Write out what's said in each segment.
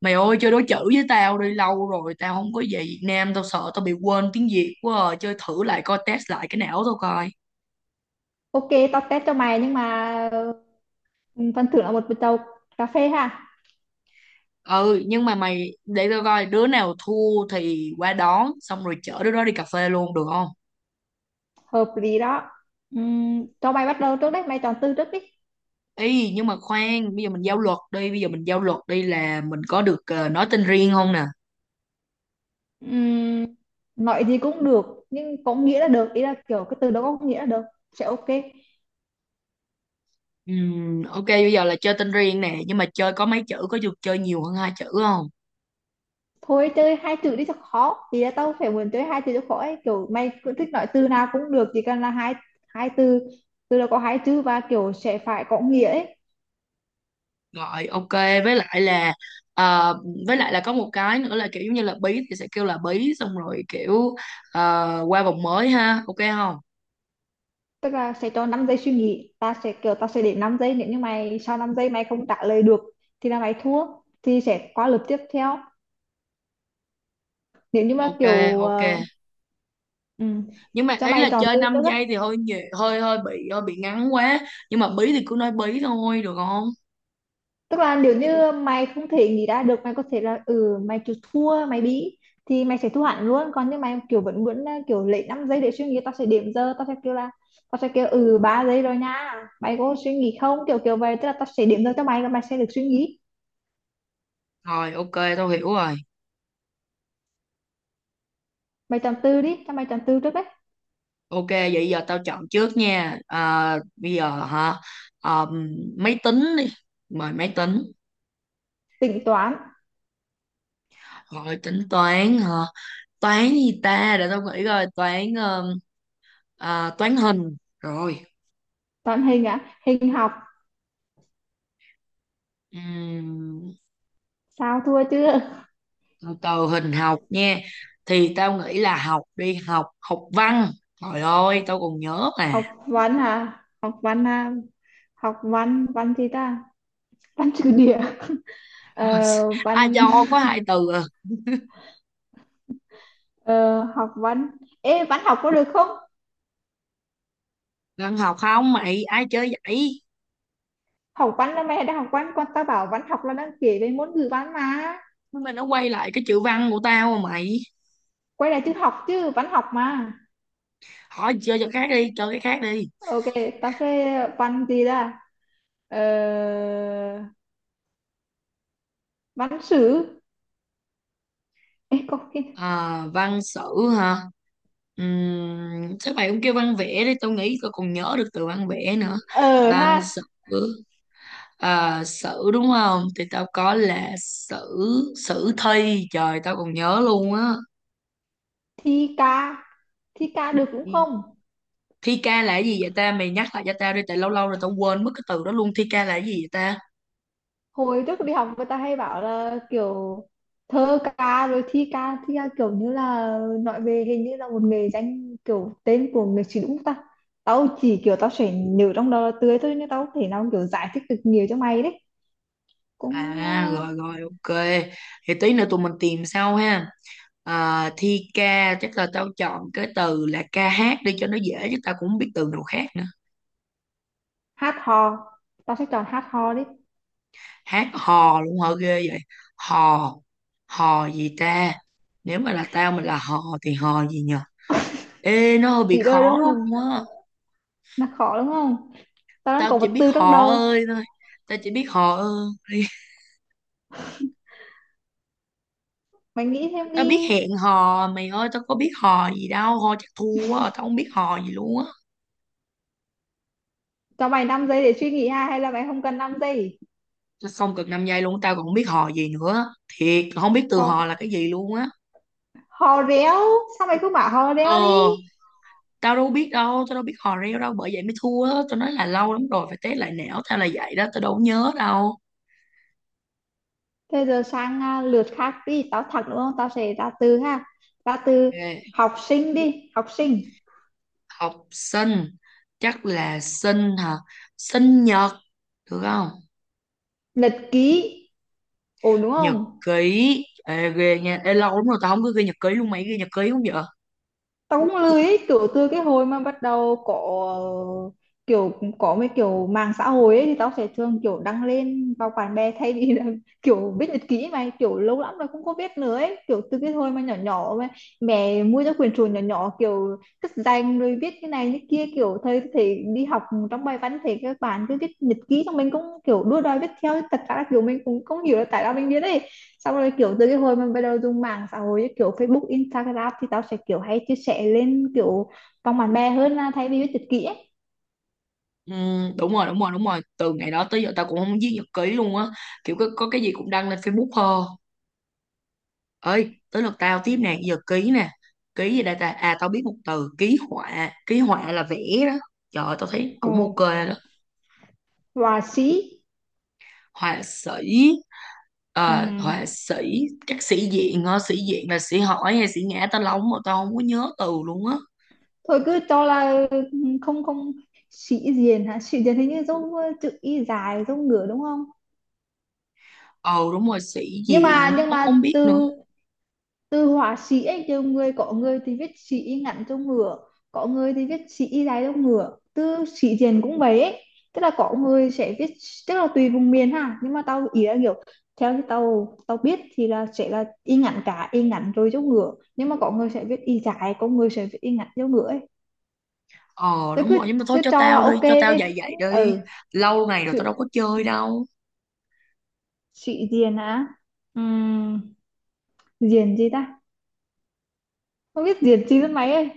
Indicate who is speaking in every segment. Speaker 1: Mày ơi, chơi đối chữ với tao đi. Lâu rồi tao không có về Việt Nam, tao sợ tao bị quên tiếng Việt quá à. Chơi thử lại coi, test lại cái não tao coi.
Speaker 2: Ok, tao test cho mày nhưng mà ừ, phần thưởng là một bịch tàu cà phê ha.
Speaker 1: Ừ, nhưng mà mày để tao coi, đứa nào thua thì qua đón, xong rồi chở đứa đó đi cà phê luôn được không?
Speaker 2: Hợp lý đó. Cho mày bắt đầu trước đấy, mày chọn từ trước đi.
Speaker 1: Ý nhưng mà khoan. Bây giờ mình giao luật đi là mình có được nói tên riêng không nè?
Speaker 2: Ừm, nói gì cũng được, nhưng có nghĩa là được. Ý là kiểu cái từ đó có nghĩa là được. Sẽ ok.
Speaker 1: Ok, bây giờ là chơi tên riêng nè. Nhưng mà chơi có mấy chữ? Có được chơi nhiều hơn hai chữ không?
Speaker 2: Thôi chơi hai chữ đi cho khó. Thì là tao phải muốn chơi hai chữ cho khó ấy. Kiểu mày cứ thích nói từ nào cũng được, chỉ cần là hai hai từ. Từ đó có hai chữ và kiểu sẽ phải có nghĩa ấy.
Speaker 1: Rồi ok, với lại là ờ, với lại là có một cái nữa là kiểu giống như là bí thì sẽ kêu là bí, xong rồi kiểu qua vòng mới ha, ok không?
Speaker 2: Tức là sẽ cho 5 giây suy nghĩ, ta sẽ để 5 giây. Nếu như mày sau 5 giây mày không trả lời được thì là mày thua, thì sẽ qua lượt tiếp theo. Nếu như mà
Speaker 1: Ok,
Speaker 2: kiểu
Speaker 1: ok,
Speaker 2: ừ,
Speaker 1: nhưng mà
Speaker 2: cho
Speaker 1: ý
Speaker 2: mày
Speaker 1: là
Speaker 2: chọn
Speaker 1: chơi
Speaker 2: từ
Speaker 1: 5
Speaker 2: trước á.
Speaker 1: giây thì hơi nhiều hơi hơi bị ngắn quá. Nhưng mà bí thì cứ nói bí thôi được không?
Speaker 2: Tức là nếu như mày không thể nghĩ ra được, mày có thể là mày chịu thua, mày bị thì mày sẽ thua hẳn luôn. Còn nếu mày kiểu vẫn muốn là kiểu lấy 5 giây để suy nghĩ, tao sẽ điểm giờ, tao sẽ kêu 3 giây rồi nha, mày có suy nghĩ không, kiểu kiểu vậy. Tức là tao sẽ điểm giờ cho mày và mày sẽ được suy nghĩ.
Speaker 1: Rồi ok, tao hiểu rồi.
Speaker 2: Mày chọn từ đi, cho mày chọn từ trước đấy.
Speaker 1: Ok, vậy giờ tao chọn trước nha. À, bây giờ hả? Ờ, máy tính đi. Mời máy tính.
Speaker 2: Tính toán.
Speaker 1: Rồi tính toán hả? Toán gì ta, để tao nghĩ coi. Toán, à, toán hình rồi.
Speaker 2: Toán hình á, hình học.
Speaker 1: Ừm,
Speaker 2: Sao thua chưa?
Speaker 1: Từ từ, hình học nha. Thì tao nghĩ là học đi học học văn. Trời ơi, tao còn nhớ mà.
Speaker 2: Học văn à? Học văn à? Học văn, văn gì ta? Văn trừ địa. Ờ,
Speaker 1: Ai
Speaker 2: văn
Speaker 1: cho có hai từ à?
Speaker 2: ờ, học văn. Ê, văn học có được không?
Speaker 1: Văn học không mày, ai chơi vậy?
Speaker 2: Học văn là mày đã học văn, con ta bảo văn học là đang kể về môn ngữ văn mà.
Speaker 1: Nhưng mà nó quay lại cái chữ văn của tao mà mày.
Speaker 2: Quay lại chữ học chứ, văn học mà.
Speaker 1: Hỏi chơi cho khác đi, chơi cái khác đi.
Speaker 2: Ok, tao sẽ văn gì ta? Ờ, văn sử. Ê, có cái...
Speaker 1: À, văn sử hả? Chắc mày cũng kêu văn vẽ đi, tao nghĩ tao còn nhớ được từ văn vẽ nữa.
Speaker 2: Ờ
Speaker 1: Văn
Speaker 2: ha,
Speaker 1: sử. À, sử đúng không? Thì tao có là sử. Sử thi, trời, tao còn nhớ luôn á.
Speaker 2: thi ca. Thi ca được cũng
Speaker 1: Thi
Speaker 2: không?
Speaker 1: thi ca là cái gì vậy ta? Mày nhắc lại cho tao đi, tại lâu lâu rồi tao quên mất cái từ đó luôn. Thi ca là cái gì vậy ta?
Speaker 2: Hồi trước đi học người ta hay bảo là kiểu thơ ca rồi thi ca, thi ca kiểu như là nói về hình như là một nghề danh, kiểu tên của người sĩ đúng ta. Tao chỉ kiểu tao sẽ nhớ trong đầu là tươi thôi nên tao không thể nào kiểu giải thích được nhiều cho mày đấy. Cũng
Speaker 1: À, rồi rồi, ok. Thì tí nữa tụi mình tìm sau ha. À, thi ca, chắc là tao chọn cái từ là ca hát đi, cho nó dễ, chứ tao cũng không biết từ nào khác nữa.
Speaker 2: hát hò. Tao sẽ chọn hát hò đi.
Speaker 1: Hát hò luôn hả, ghê vậy. Hò. Hò gì ta? Nếu mà là tao, mình là hò thì hò gì nhỉ? Ê, nó hơi bị
Speaker 2: Nghĩ đời đúng
Speaker 1: khó
Speaker 2: không,
Speaker 1: luôn á.
Speaker 2: là khó đúng không. Tao đang
Speaker 1: Tao
Speaker 2: có
Speaker 1: chỉ
Speaker 2: một
Speaker 1: biết
Speaker 2: từ trong
Speaker 1: họ
Speaker 2: đầu.
Speaker 1: ơi thôi. Tao chỉ biết họ ơi.
Speaker 2: Mày nghĩ thêm
Speaker 1: Tao biết
Speaker 2: đi.
Speaker 1: hẹn hò. Mày ơi, tao có biết hò gì đâu. Hò chắc thua quá, tao không biết hò gì luôn á.
Speaker 2: Cho mày 5 giây để suy nghĩ ha, hay là mày không cần 5 giây.
Speaker 1: Tao, xong cực 5 giây luôn. Tao còn không biết hò gì nữa, thiệt không biết từ hò là
Speaker 2: Hò,
Speaker 1: cái gì luôn á.
Speaker 2: hò réo. Sao mày cứ bảo hò
Speaker 1: Ờ.
Speaker 2: réo đi.
Speaker 1: Tao đâu biết đâu. Tao đâu biết hò reo đâu. Bởi vậy mới thua á. Tao nói là lâu lắm rồi, phải test lại não tao là vậy đó. Tao đâu có nhớ đâu.
Speaker 2: Thế giờ sang à, lượt khác đi, tao thật đúng không? Tao sẽ ra từ ha. Ra từ
Speaker 1: Ok.
Speaker 2: học sinh đi, học sinh.
Speaker 1: Học sinh. Chắc là sinh hả? Sinh nhật được không?
Speaker 2: Nhật ký. Ổn đúng
Speaker 1: Nhật
Speaker 2: không?
Speaker 1: ký. Ê, ghê nha. Ê, lâu lắm rồi tao không có ghi nhật ký luôn, mày ghi nhật ký không vậy?
Speaker 2: Tao cũng lười ấy, kiểu từ cái hồi mà bắt đầu có ờ, kiểu có mấy kiểu mạng xã hội ấy thì tao sẽ thường kiểu đăng lên vào bạn bè thay vì là kiểu viết nhật ký, mà kiểu lâu lắm rồi không có viết nữa ấy. Kiểu từ cái hồi mà nhỏ nhỏ mà mẹ mua cho quyển sổ nhỏ nhỏ, kiểu cất danh rồi viết cái này cái kia, kiểu thời thì đi học trong bài văn thì các bạn cứ viết nhật ký, xong mình cũng kiểu đua đòi viết theo. Thật ra là kiểu mình cũng không hiểu là tại sao mình viết ấy. Xong rồi kiểu từ cái hồi mình bắt đầu dùng mạng xã hội như kiểu Facebook, Instagram thì tao sẽ kiểu hay chia sẻ lên kiểu vòng bạn bè hơn là thay vì viết nhật ký ấy.
Speaker 1: Ừ, đúng rồi, đúng rồi, đúng rồi, từ ngày đó tới giờ tao cũng không viết nhật ký luôn á. Kiểu có cái gì cũng đăng lên Facebook thôi. Ơi tới lượt tao tiếp nè, giờ ký nè. Ký gì đây ta? À, tao biết một từ ký họa. Ký họa là vẽ đó. Trời ơi, tao thấy cũng ok
Speaker 2: Ừ.
Speaker 1: đó.
Speaker 2: Và sĩ.
Speaker 1: Họa sĩ.
Speaker 2: Ừ.
Speaker 1: Ờ, họa sĩ. Chắc sĩ diện á. Sĩ diện là sĩ hỏi hay sĩ ngã, tao lóng mà tao không có nhớ từ luôn á.
Speaker 2: Thôi cứ cho là không không. Sĩ diện hả, sĩ diện hình như giống chữ y dài giống ngửa đúng không.
Speaker 1: Ờ đúng rồi. Sĩ
Speaker 2: Nhưng
Speaker 1: diện,
Speaker 2: mà nhưng
Speaker 1: tao
Speaker 2: mà
Speaker 1: không biết nữa.
Speaker 2: từ từ họa sĩ ấy, nhiều người có người thì viết sĩ ngắn cho ngựa, có người thì viết sĩ dài cho ngựa, từ sĩ diện cũng vậy ấy. Tức là có người sẽ viết, tức là tùy vùng miền ha, nhưng mà tao ý là kiểu theo như tao tao biết thì là sẽ là y ngắn, cả y ngắn rồi cho ngựa, nhưng mà có người sẽ viết y dài, có người sẽ viết y ngắn cho ngựa ấy.
Speaker 1: Ờ
Speaker 2: Tao
Speaker 1: đúng
Speaker 2: cứ,
Speaker 1: rồi, nhưng mà thôi
Speaker 2: cứ
Speaker 1: cho
Speaker 2: cho là
Speaker 1: tao đi.
Speaker 2: ok
Speaker 1: Cho tao
Speaker 2: đi.
Speaker 1: dạy dạy đi,
Speaker 2: Ừ.
Speaker 1: lâu ngày rồi tao đâu có
Speaker 2: Sự
Speaker 1: chơi đâu.
Speaker 2: sĩ diện á. Ừm, diện gì ta, không biết diện gì lắm mấy ơi.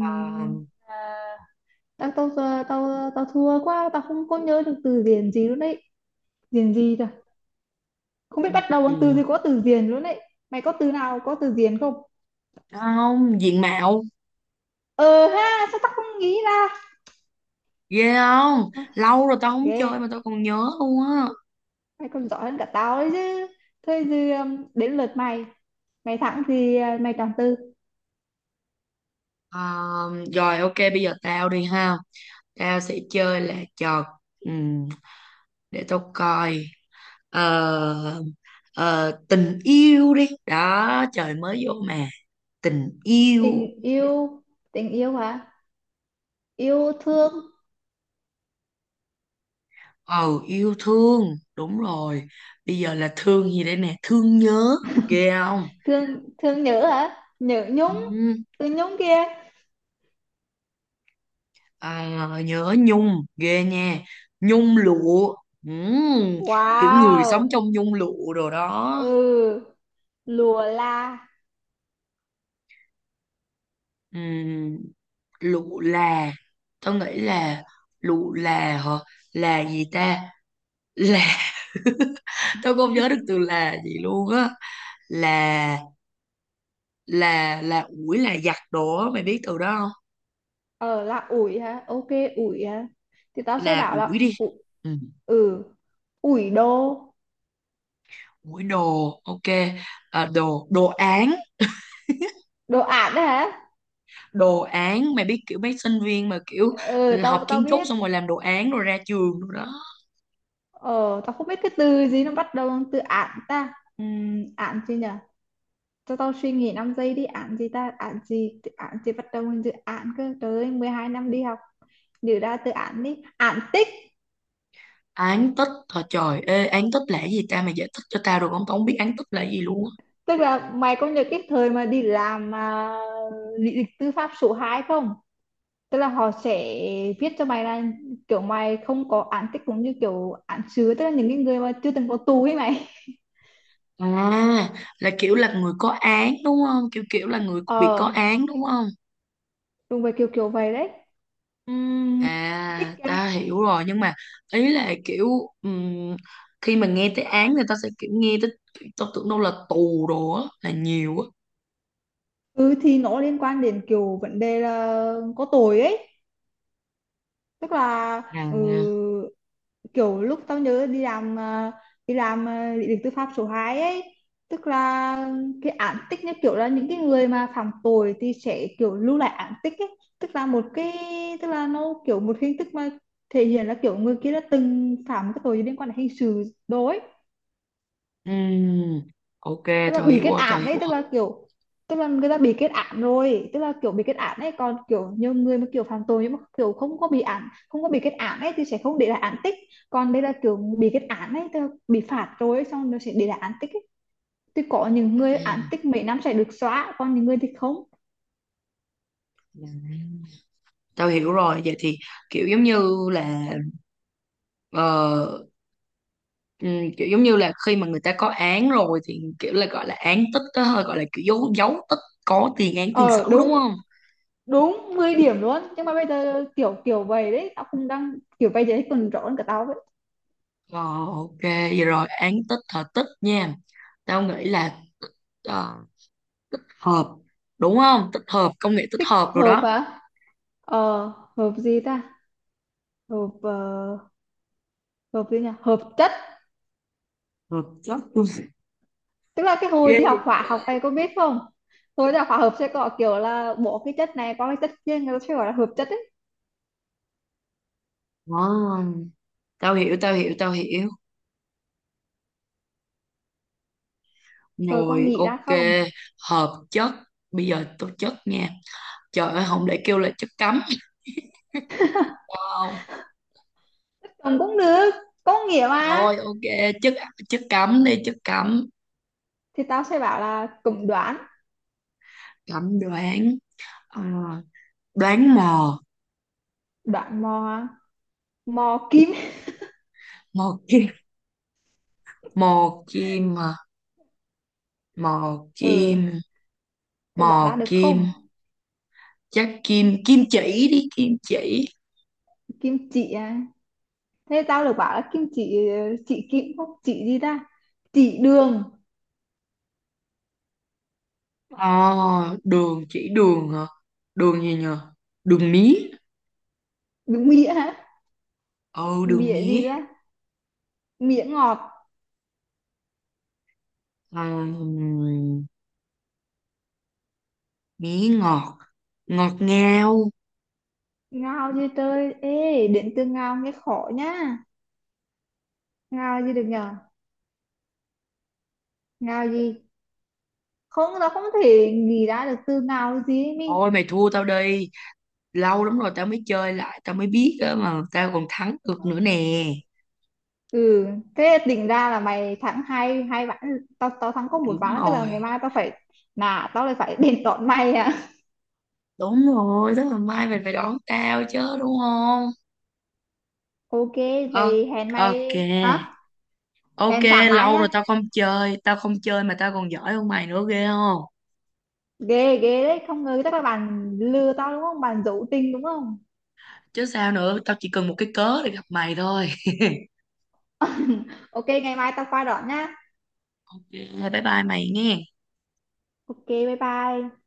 Speaker 1: À,
Speaker 2: à, tao tao giờ tao tao thua quá, tao không có nhớ được từ điển gì luôn đấy, điển gì cả, không biết
Speaker 1: ừ,
Speaker 2: bắt đầu
Speaker 1: ừ.
Speaker 2: bằng từ gì có từ điển luôn đấy. Mày có từ nào có từ điển không.
Speaker 1: Không, diện mạo.
Speaker 2: Ờ ha sao tao không nghĩ ra.
Speaker 1: Ghê không,
Speaker 2: À,
Speaker 1: lâu rồi tao không
Speaker 2: ghê.
Speaker 1: chơi mà tao còn nhớ luôn á.
Speaker 2: Mày còn giỏi hơn cả tao đấy chứ. Thôi thì đến lượt mày, mày thắng thì mày chọn từ.
Speaker 1: À, rồi ok, bây giờ tao đi ha. Tao sẽ chơi là trò, ừm, để tao coi. Ờ, Tình yêu đi. Đó, trời mới vô mà. Tình yêu.
Speaker 2: Tình yêu. Tình yêu hả, yêu thương.
Speaker 1: Ừ, yêu thương, đúng rồi. Bây giờ là thương gì đây nè. Thương nhớ, ghê không?
Speaker 2: Thương, thương nhớ hả, nhớ
Speaker 1: Ừ.
Speaker 2: nhung. Từ nhung kia.
Speaker 1: À, nhớ nhung, ghê nha. Nhung lụa. Ừ, kiểu người sống
Speaker 2: Wow.
Speaker 1: trong nhung lụa đồ đó.
Speaker 2: Ừ. Lùa la.
Speaker 1: Ừ. Lụa là, tao nghĩ là lụ là hả? Là gì ta? Là. Tao không nhớ được từ là gì luôn á. là là ủi, là giặt đồ á, mày biết từ đó không?
Speaker 2: Ờ là ủi hả, ok. Ủi hả, thì tao sẽ
Speaker 1: Là
Speaker 2: bảo
Speaker 1: ủi
Speaker 2: là
Speaker 1: đi.
Speaker 2: ủi.
Speaker 1: Ừ.
Speaker 2: Ừ. Ủi đồ.
Speaker 1: Mũi đồ, ok. À, đồ, đồ án,
Speaker 2: Đồ ản đấy hả.
Speaker 1: đồ án. Mày biết kiểu mấy sinh viên mà kiểu
Speaker 2: Ừ
Speaker 1: học
Speaker 2: tao tao
Speaker 1: kiến trúc
Speaker 2: biết.
Speaker 1: xong rồi làm đồ án rồi ra trường rồi đó.
Speaker 2: Ờ tao không biết cái từ gì nó bắt đầu bằng từ ản ta. Ản gì nhở. Cho tao suy nghĩ 5 giây đi. Ản gì ta, ản gì, ản gì bắt đầu bằng từ ản cơ. Trời ơi, 12 năm đi học, nhớ ra từ ản đi. Ản tích.
Speaker 1: Án tích, thôi trời, ê, án tích là cái gì ta? Mày giải thích cho tao được không? Tao không biết án tích là cái gì luôn á.
Speaker 2: Tức là mày có nhớ cái thời mà đi làm mà lý lịch tư pháp số 2 không. Tức là họ sẽ viết cho mày là kiểu mày không có án tích, cũng như kiểu án sứ, tức là những cái người mà chưa từng có tù ấy mày.
Speaker 1: À, là kiểu là người có án đúng không? Kiểu kiểu là người bị có
Speaker 2: Ờ
Speaker 1: án đúng không?
Speaker 2: đúng vậy, kiểu kiểu vậy đấy. Ừm, tích
Speaker 1: À,
Speaker 2: ra.
Speaker 1: ta hiểu rồi. Nhưng mà ý là kiểu, ừm, khi mà nghe tới án thì ta sẽ kiểu nghe tới, tao tưởng đâu là tù đồ á, là nhiều á.
Speaker 2: Ừ, thì nó liên quan đến kiểu vấn đề là có tội ấy. Tức là ừ,
Speaker 1: À.
Speaker 2: kiểu lúc tao nhớ đi làm đi làm lý lịch tư pháp số 2 ấy, tức là cái án tích như kiểu là những cái người mà phạm tội thì sẽ kiểu lưu lại án tích ấy. Tức là một cái, tức là nó kiểu một hình thức mà thể hiện là kiểu người kia đã từng phạm cái tội liên quan đến hình sự. Đối.
Speaker 1: Ừm, ok,
Speaker 2: Tức là
Speaker 1: tao
Speaker 2: bị
Speaker 1: hiểu
Speaker 2: kết
Speaker 1: rồi, tao
Speaker 2: án
Speaker 1: hiểu
Speaker 2: ấy, tức
Speaker 1: rồi.
Speaker 2: là kiểu, tức là người ta bị kết án rồi, tức là kiểu bị kết án ấy. Còn kiểu nhiều người mà kiểu phạm tội nhưng mà kiểu không có bị án, không có bị kết án ấy, thì sẽ không để lại án tích. Còn đây là kiểu bị kết án ấy, tức là bị phạt rồi ấy, xong nó sẽ để lại án tích ấy. Thì có những người án
Speaker 1: Ừm.
Speaker 2: tích mấy năm sẽ được xóa, còn những người thì không.
Speaker 1: Dạ. Tao hiểu rồi, vậy thì kiểu giống như là ờ, kiểu giống như là khi mà người ta có án rồi thì kiểu là gọi là án tích đó thôi, gọi là kiểu dấu dấu tích, có tiền án tiền sử
Speaker 2: Ờ
Speaker 1: đúng
Speaker 2: đúng,
Speaker 1: không?
Speaker 2: đúng 10 điểm luôn. Nhưng mà bây giờ kiểu kiểu vậy đấy, tao cũng đang kiểu bây giờ còn rõ hơn cả tao vậy.
Speaker 1: Ờ, ok vậy. Rồi án tích, hợp tích nha, tao nghĩ là ờ, hợp đúng không? Tích hợp, công nghệ tích
Speaker 2: Tích
Speaker 1: hợp rồi
Speaker 2: hợp
Speaker 1: đó.
Speaker 2: hả. Ờ. Hợp gì ta, hợp hợp gì nhỉ, hợp chất.
Speaker 1: Hợp chất,
Speaker 2: Tức là cái hồi
Speaker 1: ghê
Speaker 2: đi học hóa học
Speaker 1: vậy.
Speaker 2: này, cô biết không. Hồi đi học hóa học sẽ có kiểu là bỏ cái chất này qua cái chất kia, người ta sẽ gọi là hợp chất ấy.
Speaker 1: Ờ, tao hiểu, tao hiểu, tao hiểu.
Speaker 2: Rồi con
Speaker 1: Rồi
Speaker 2: nghĩ ra
Speaker 1: ok,
Speaker 2: không.
Speaker 1: hợp chất. Bây giờ tôi chất nha, trời ơi không, để kêu là chất cấm. Wow.
Speaker 2: Chồng cũng được, có nghĩa mà.
Speaker 1: Rồi ok, chất. Chất cấm đi, chất cấm.
Speaker 2: Thì tao sẽ bảo là cũng đoán.
Speaker 1: Cấm đoán. Ờ, đoán mò.
Speaker 2: Đoán mò. Mò kim.
Speaker 1: Mò kim. Mò kim à, mò
Speaker 2: Ừ.
Speaker 1: kim.
Speaker 2: Cô
Speaker 1: Mò
Speaker 2: đoán ra được
Speaker 1: kim.
Speaker 2: không.
Speaker 1: Chắc kim, kim chỉ đi, kim chỉ.
Speaker 2: Kim chỉ à, thế tao được bảo là kim chỉ. Chỉ kim không, chỉ gì ta, chỉ đường.
Speaker 1: Ờ, đường. Chỉ đường hả? Đường gì nhờ? Đường mía.
Speaker 2: Đúng nghĩa hả.
Speaker 1: Ừ, đường
Speaker 2: Mía
Speaker 1: mía.
Speaker 2: gì ra, mía ngọt.
Speaker 1: Ờ, mía ngọt. Ngọt ngào.
Speaker 2: Ngao gì trời, ê đến từ ngao nghe khó nhá. Ngao gì được nhờ, ngao gì. Không, nó không thể nghĩ ra được từ nào cái gì ấy mi.
Speaker 1: Thôi mày thua tao đi. Lâu lắm rồi tao mới chơi lại, tao mới biết á mà tao còn thắng được nữa nè.
Speaker 2: Ừ. Thế định ra là mày thắng hai hai ván, tao tao thắng có một
Speaker 1: Đúng
Speaker 2: ván, tức là
Speaker 1: rồi.
Speaker 2: ngày mai tao phải, nà tao lại phải đền đòn mày à.
Speaker 1: Đúng rồi, tức là mai mày phải đón tao chứ đúng không?
Speaker 2: Ok
Speaker 1: Ờ,
Speaker 2: vậy hẹn mày
Speaker 1: ok.
Speaker 2: hả,
Speaker 1: Ok,
Speaker 2: hẹn sáng mai
Speaker 1: lâu
Speaker 2: nhá.
Speaker 1: rồi tao không chơi. Tao không chơi mà tao còn giỏi hơn mày nữa, ghê không?
Speaker 2: Ghê ghê đấy, không ngờ, chắc là bạn lừa tao đúng không, bạn giấu tình đúng không.
Speaker 1: Chứ sao nữa, tao chỉ cần một cái cớ để gặp mày thôi.
Speaker 2: Ok ngày mai tao qua đón nhá.
Speaker 1: Ok, bye bye mày nghe.
Speaker 2: Ok bye bye.